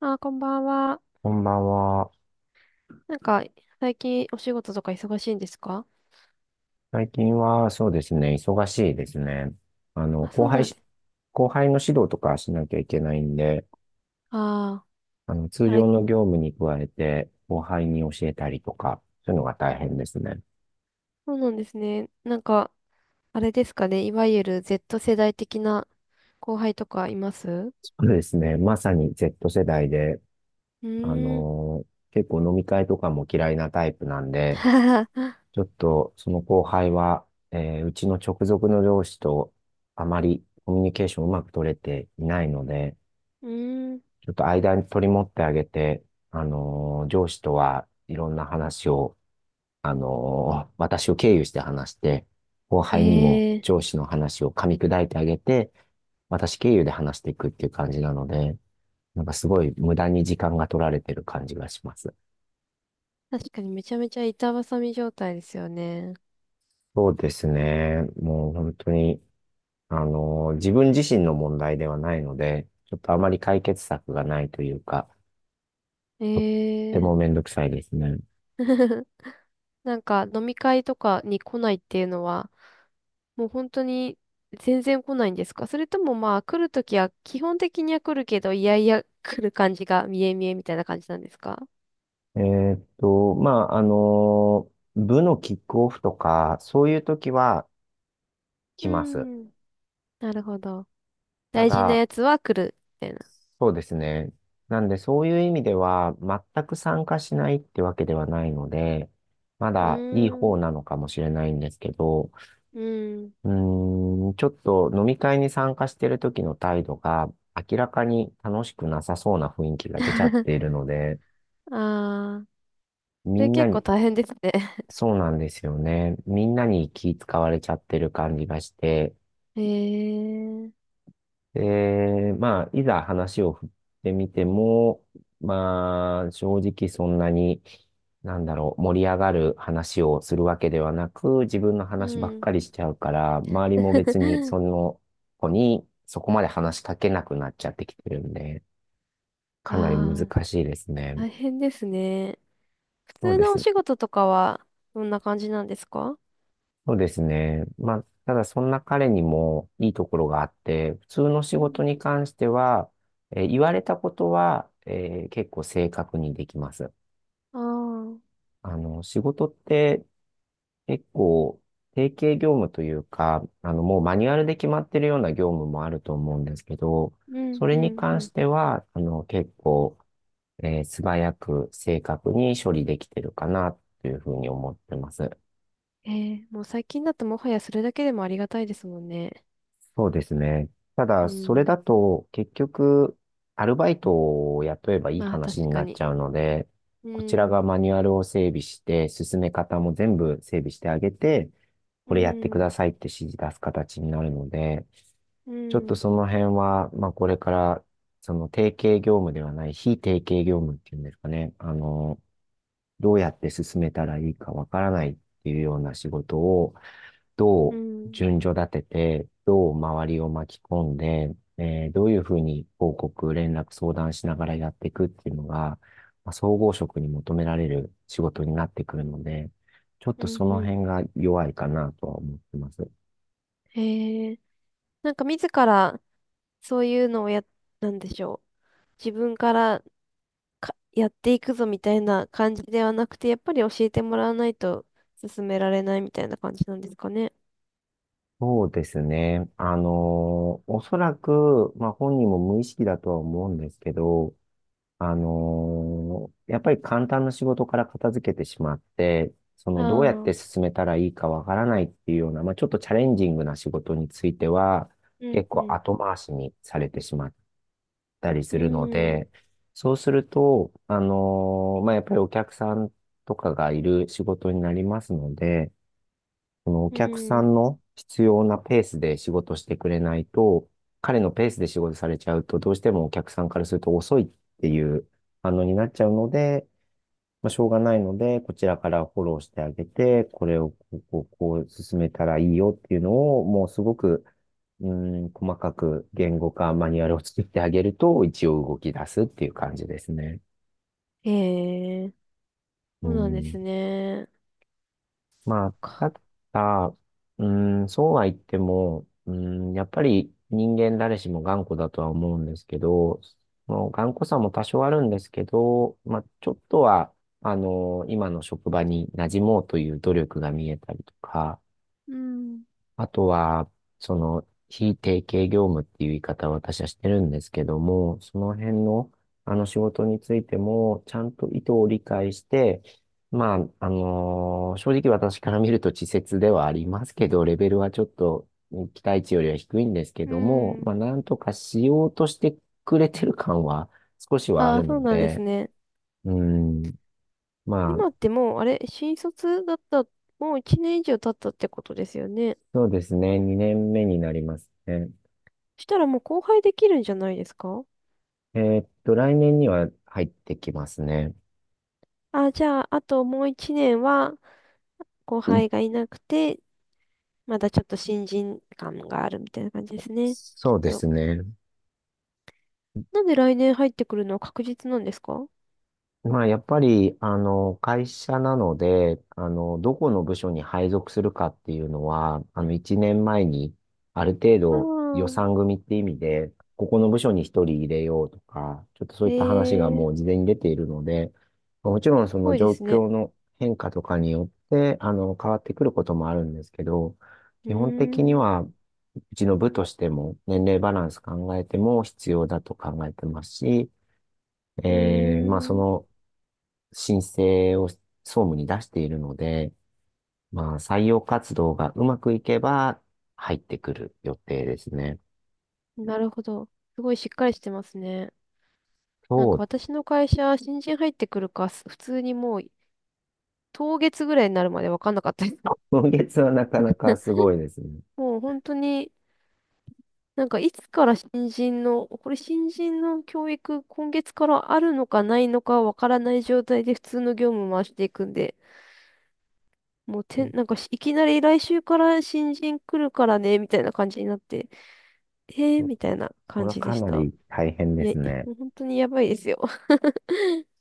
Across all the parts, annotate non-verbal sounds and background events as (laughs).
あー、こんばんは。こんばんは。なんか、最近お仕事とか忙しいんですか？最近はそうですね、忙しいですね。あの、あ、後そう輩なんでし、す。後輩の指導とかしなきゃいけないんで、ああ、通あれ、常の業務に加えて、後輩に教えたりとか、そういうのが大変ですね。そうなんですね。なんか、あれですかね。いわゆる Z 世代的な後輩とかいます？うそうですね、まさに Z 世代で、あーん。の、結構飲み会とかも嫌いなタイプなんで、ちょっとその後輩は、うちの直属の上司とあまりコミュニケーションうまく取れていないので、(laughs) うーん。ちょっと間に取り持ってあげて、上司とはいろんな話を、私を経由して話して、後輩にもええ上司の話を噛み砕いてあげて、私経由で話していくっていう感じなので、なんかすごい無駄に時間が取られてる感じがします。ー。確かにめちゃめちゃ板挟み状態ですよね。そうですね。もう本当に、自分自身の問題ではないので、ちょっとあまり解決策がないというか、えとってもめえ。 んどくさいですね。(laughs) なんか飲み会とかに来ないっていうのは、もう本当に全然来ないんですか？それともまあ来るときは基本的には来るけど、いやいや来る感じが見え見えみたいな感じなんですか？まあ、あの部のキックオフとか、そういう時は来うます。ーん。なるほど。た大事なだ、やつは来るみたいな。そうですね。なんで、そういう意味では、全く参加しないってわけではないので、まうーだいい方ん。なのかもしれないんですけど、うーん。ちょっと飲み会に参加してる時の態度が、明らかに楽しくなさそうな雰囲気が出ちゃってい (laughs) るので、ああ、みそれんな結に、構大変ですね。そうなんですよね。みんなに気使われちゃってる感じがして、(laughs) へえ。で、まあ、いざ話を振ってみても、まあ、正直そんなに、なんだろう、盛り上がる話をするわけではなく、自分のう話ばっん。かりしちゃうから、周りも別にそ (laughs) の子にそこまで話しかけなくなっちゃってきてるんで、かなり難ああ、しいですね。大変ですね。普そう通でのおすね。仕事とかはどんな感じなんですか？そうですね。まあ、ただそんな彼にもいいところがあって、普通の仕事に関しては、言われたことは、結構正確にできます。ああー、仕事って結構定型業務というか、もうマニュアルで決まってるような業務もあると思うんですけど、うんそれうにんう関ん。しては、結構、素早く正確に処理できてるかなというふうに思ってます。ええ、もう最近だともはやそれだけでもありがたいですもんね。そうですね。たうだ、それん。だと、結局、アルバイトを雇えばいいまあ話確になかっに。ちゃうので、うこちらん、がマニュアルを整備して、進め方も全部整備してあげて、うこれやってくん、ださいって指示出す形になるので、うちょっとん、その辺は、まあこれから、その定型業務ではない、非定型業務っていうんですかね、どうやって進めたらいいかわからないっていうような仕事を、どううん、順序立てて、どう周りを巻き込んで、どういうふうに報告、連絡、相談しながらやっていくっていうのが、まあ、総合職に求められる仕事になってくるので、ちょっうとそん、うのん。辺が弱いかなとは思ってます。へえ。なんか自らそういうのをや、なんでしょう。自分からかやっていくぞみたいな感じではなくて、やっぱり教えてもらわないと進められないみたいな感じなんですかね。そうですね。おそらく、まあ本人も無意識だとは思うんですけど、やっぱり簡単な仕事から片付けてしまって、そのどうやってああ、進めたらいいかわからないっていうような、まあ、ちょっとチャレンジングな仕事については、うん、結う構ん、後回しにされてしまったりうするのん。で、そうすると、まあ、やっぱりお客さんとかがいる仕事になりますので、そのおう客さん。んの必要なペースで仕事してくれないと、彼のペースで仕事されちゃうと、どうしてもお客さんからすると遅いっていう反応になっちゃうので、まあ、しょうがないので、こちらからフォローしてあげて、これをこう、こう、こう進めたらいいよっていうのを、もうすごく、うん、細かく言語化、マニュアルを作ってあげると、一応動き出すっていう感じですね。へえ、うそうなんでん。すね。まあ、か、ただ、そうは言っても、やっぱり人間誰しも頑固だとは思うんですけど、もう頑固さも多少あるんですけど、まあ、ちょっとは、今の職場に馴染もうという努力が見えたりとか、うん。あとは、その、非定型業務っていう言い方を私はしてるんですけども、その辺の、あの仕事についても、ちゃんと意図を理解して、まあ、正直私から見ると稚拙ではありますけど、レベルはちょっとね期待値よりは低いんですけうども、まあ、ん。なんとかしようとしてくれてる感は少しはあああ、るそうのなんですで、ね。うん、まあ、今ってもう、あれ、新卒だった、もう1年以上経ったってことですよね。そうですね、2年目になりますね。そしたらもう後輩できるんじゃないですか？来年には入ってきますね。あ、じゃあ、あともう1年は後い輩がいなくて、まだちょっと新人感があるみたいな感じですね。きっそうでと。すね。なんで来年入ってくるのは確実なんですか？まあ、やっぱり、会社なので、どこの部署に配属するかっていうのは、1年前に、ある程ああ度予ー、算組って意味で、ここの部署に1人入れようとか、ちょっとそうえいった話がもえ、う事前に出ているので、もちろんそすのごいで状すね。況の変化とかによって、変わってくることもあるんですけど、う基本ー的にん。は、うちの部としても年齢バランス考えても必要だと考えてますし、うまあ、そーん。の申請を総務に出しているので、まあ、採用活動がうまくいけば入ってくる予定ですね。なるほど。すごいしっかりしてますね。なんそかう、私の会社、新人入ってくるか、す普通にもう、当月ぐらいになるまで分かんなかったです。今月はなかなかすごいですね。(laughs) もう本当に、なんかいつから新人の、これ新人の教育、今月からあるのかないのか分からない状態で普通の業務回していくんで、もうてん、なんかしいきなり来週から新人来るからね、みたいな感じになって、えーそみたいなそ感れはじでかしなた。り大変でいや、すね。もう本当にやばいですよ。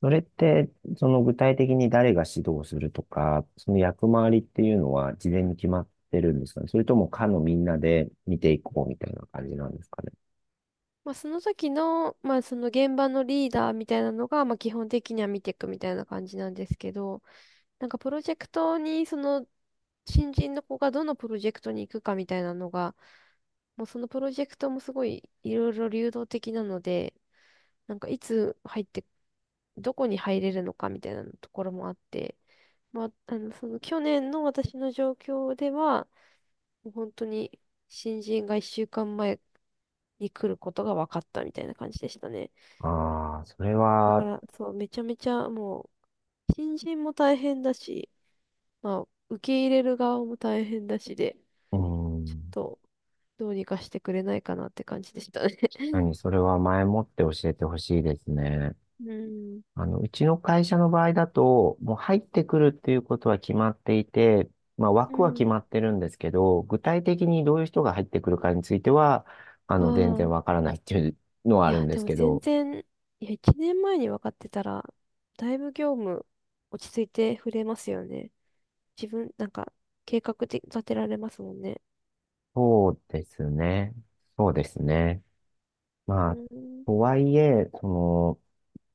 それって、その具体的に誰が指導するとか、その役回りっていうのは事前に決まってるんですかね。それとも課のみんなで見ていこうみたいな感じなんですかね。まあ、その時の、まあ、その現場のリーダーみたいなのが、まあ、基本的には見ていくみたいな感じなんですけど、なんかプロジェクトに、その、新人の子がどのプロジェクトに行くかみたいなのが、もうそのプロジェクトもすごいいろいろ流動的なので、なんかいつ入って、どこに入れるのかみたいなところもあって、まあ、あの、その去年の私の状況では、もう本当に新人が1週間前に来ることが分かったみたいな感じでしたね。ああ、それだかは。ら、そう、めちゃめちゃもう、新人も大変だし、まあ、受け入れる側も大変だしで、うーちょっん。と、どうにかしてくれないかなって感じでしたね。(laughs) 何、それは前もって教えてほしいですね。うん。うちの会社の場合だと、もう入ってくるっていうことは決まっていて、まあう枠は決ん。まってるんですけど、具体的にどういう人が入ってくるかについては、あ全然わあ。からないっていうのはいあるや、んでですもけ全ど、然、いや、1年前に分かってたら、だいぶ業務落ち着いて触れますよね。自分、なんか、計画で立てられますもんね。そうですね。そうですね。うまあ、ん。とはいえ、その、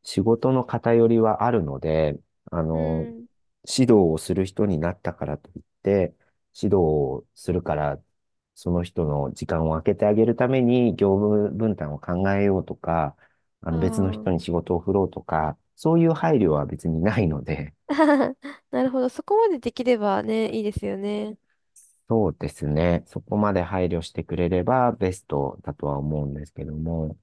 仕事の偏りはあるので、あうの、ん。指導をする人になったからといって、指導をするから、その人の時間を空けてあげるために業務分担を考えようとか、ああの別の人にあ。仕事を振ろうとか、そういう配慮は別にないので、(laughs) なるほど。そこまでできればね、いいですよね。そうですね。そこまで配慮してくれればベストだとは思うんですけども、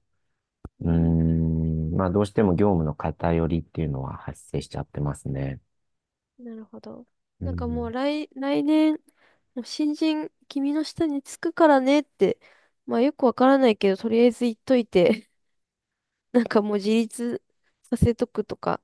うん、まあどうしても業務の偏りっていうのは発生しちゃってますね。なるほど。うなんかもうん。来、来年、もう新人、君の下につくからねって、まあよくわからないけど、とりあえず言っといて、(laughs) なんかもう自立させとくとか、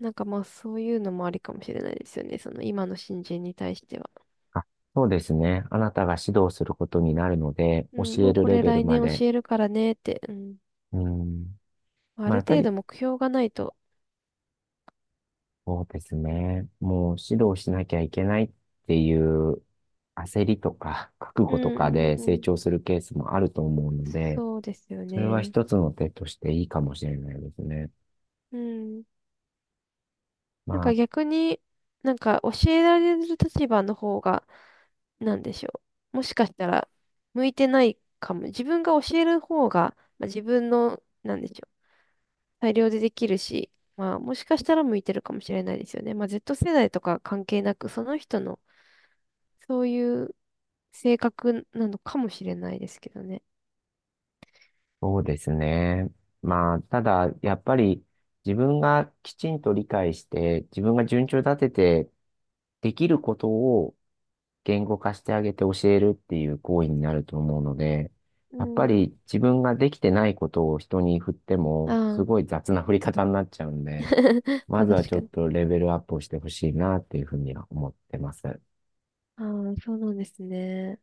なんかまあそういうのもありかもしれないですよね。その今の新人に対しては。あ、そうですね。あなたが指導することになるので、うん、教もえうるこレれベル来ま年で。教えるからねって、うん。うん。あまあ、るやっぱ程度り、目標がないと。そうですね。もう指導しなきゃいけないっていう焦りとか、(laughs) 覚う悟とかんうんでう成ん。長するケースもあると思うので、そうですよそれはね。一つの手としていいかもしれないですね。うん。なんまかあ、逆に、なんか教えられる立場の方が、なんでしょう。もしかしたら、向いてないかも。自分が教える方が、まあ、自分の、なんでしょう。裁量でできるし、まあ、もしかしたら向いてるかもしれないですよね。まあ、Z 世代とか関係なく、その人の、そういう性格なのかもしれないですけどね。そうですね。まあ、ただ、やっぱり自分がきちんと理解して、自分が順調立てて、できることを言語化してあげて教えるっていう行為になると思うので、うやっぱん。り自分ができてないことを人に振ってあも、すごいあ。雑な振り方になっちゃうんで、(laughs) ままあ、ずは確ちょかっに。とレベルアップをしてほしいなっていうふうには思ってます。ああ、そうなんですね。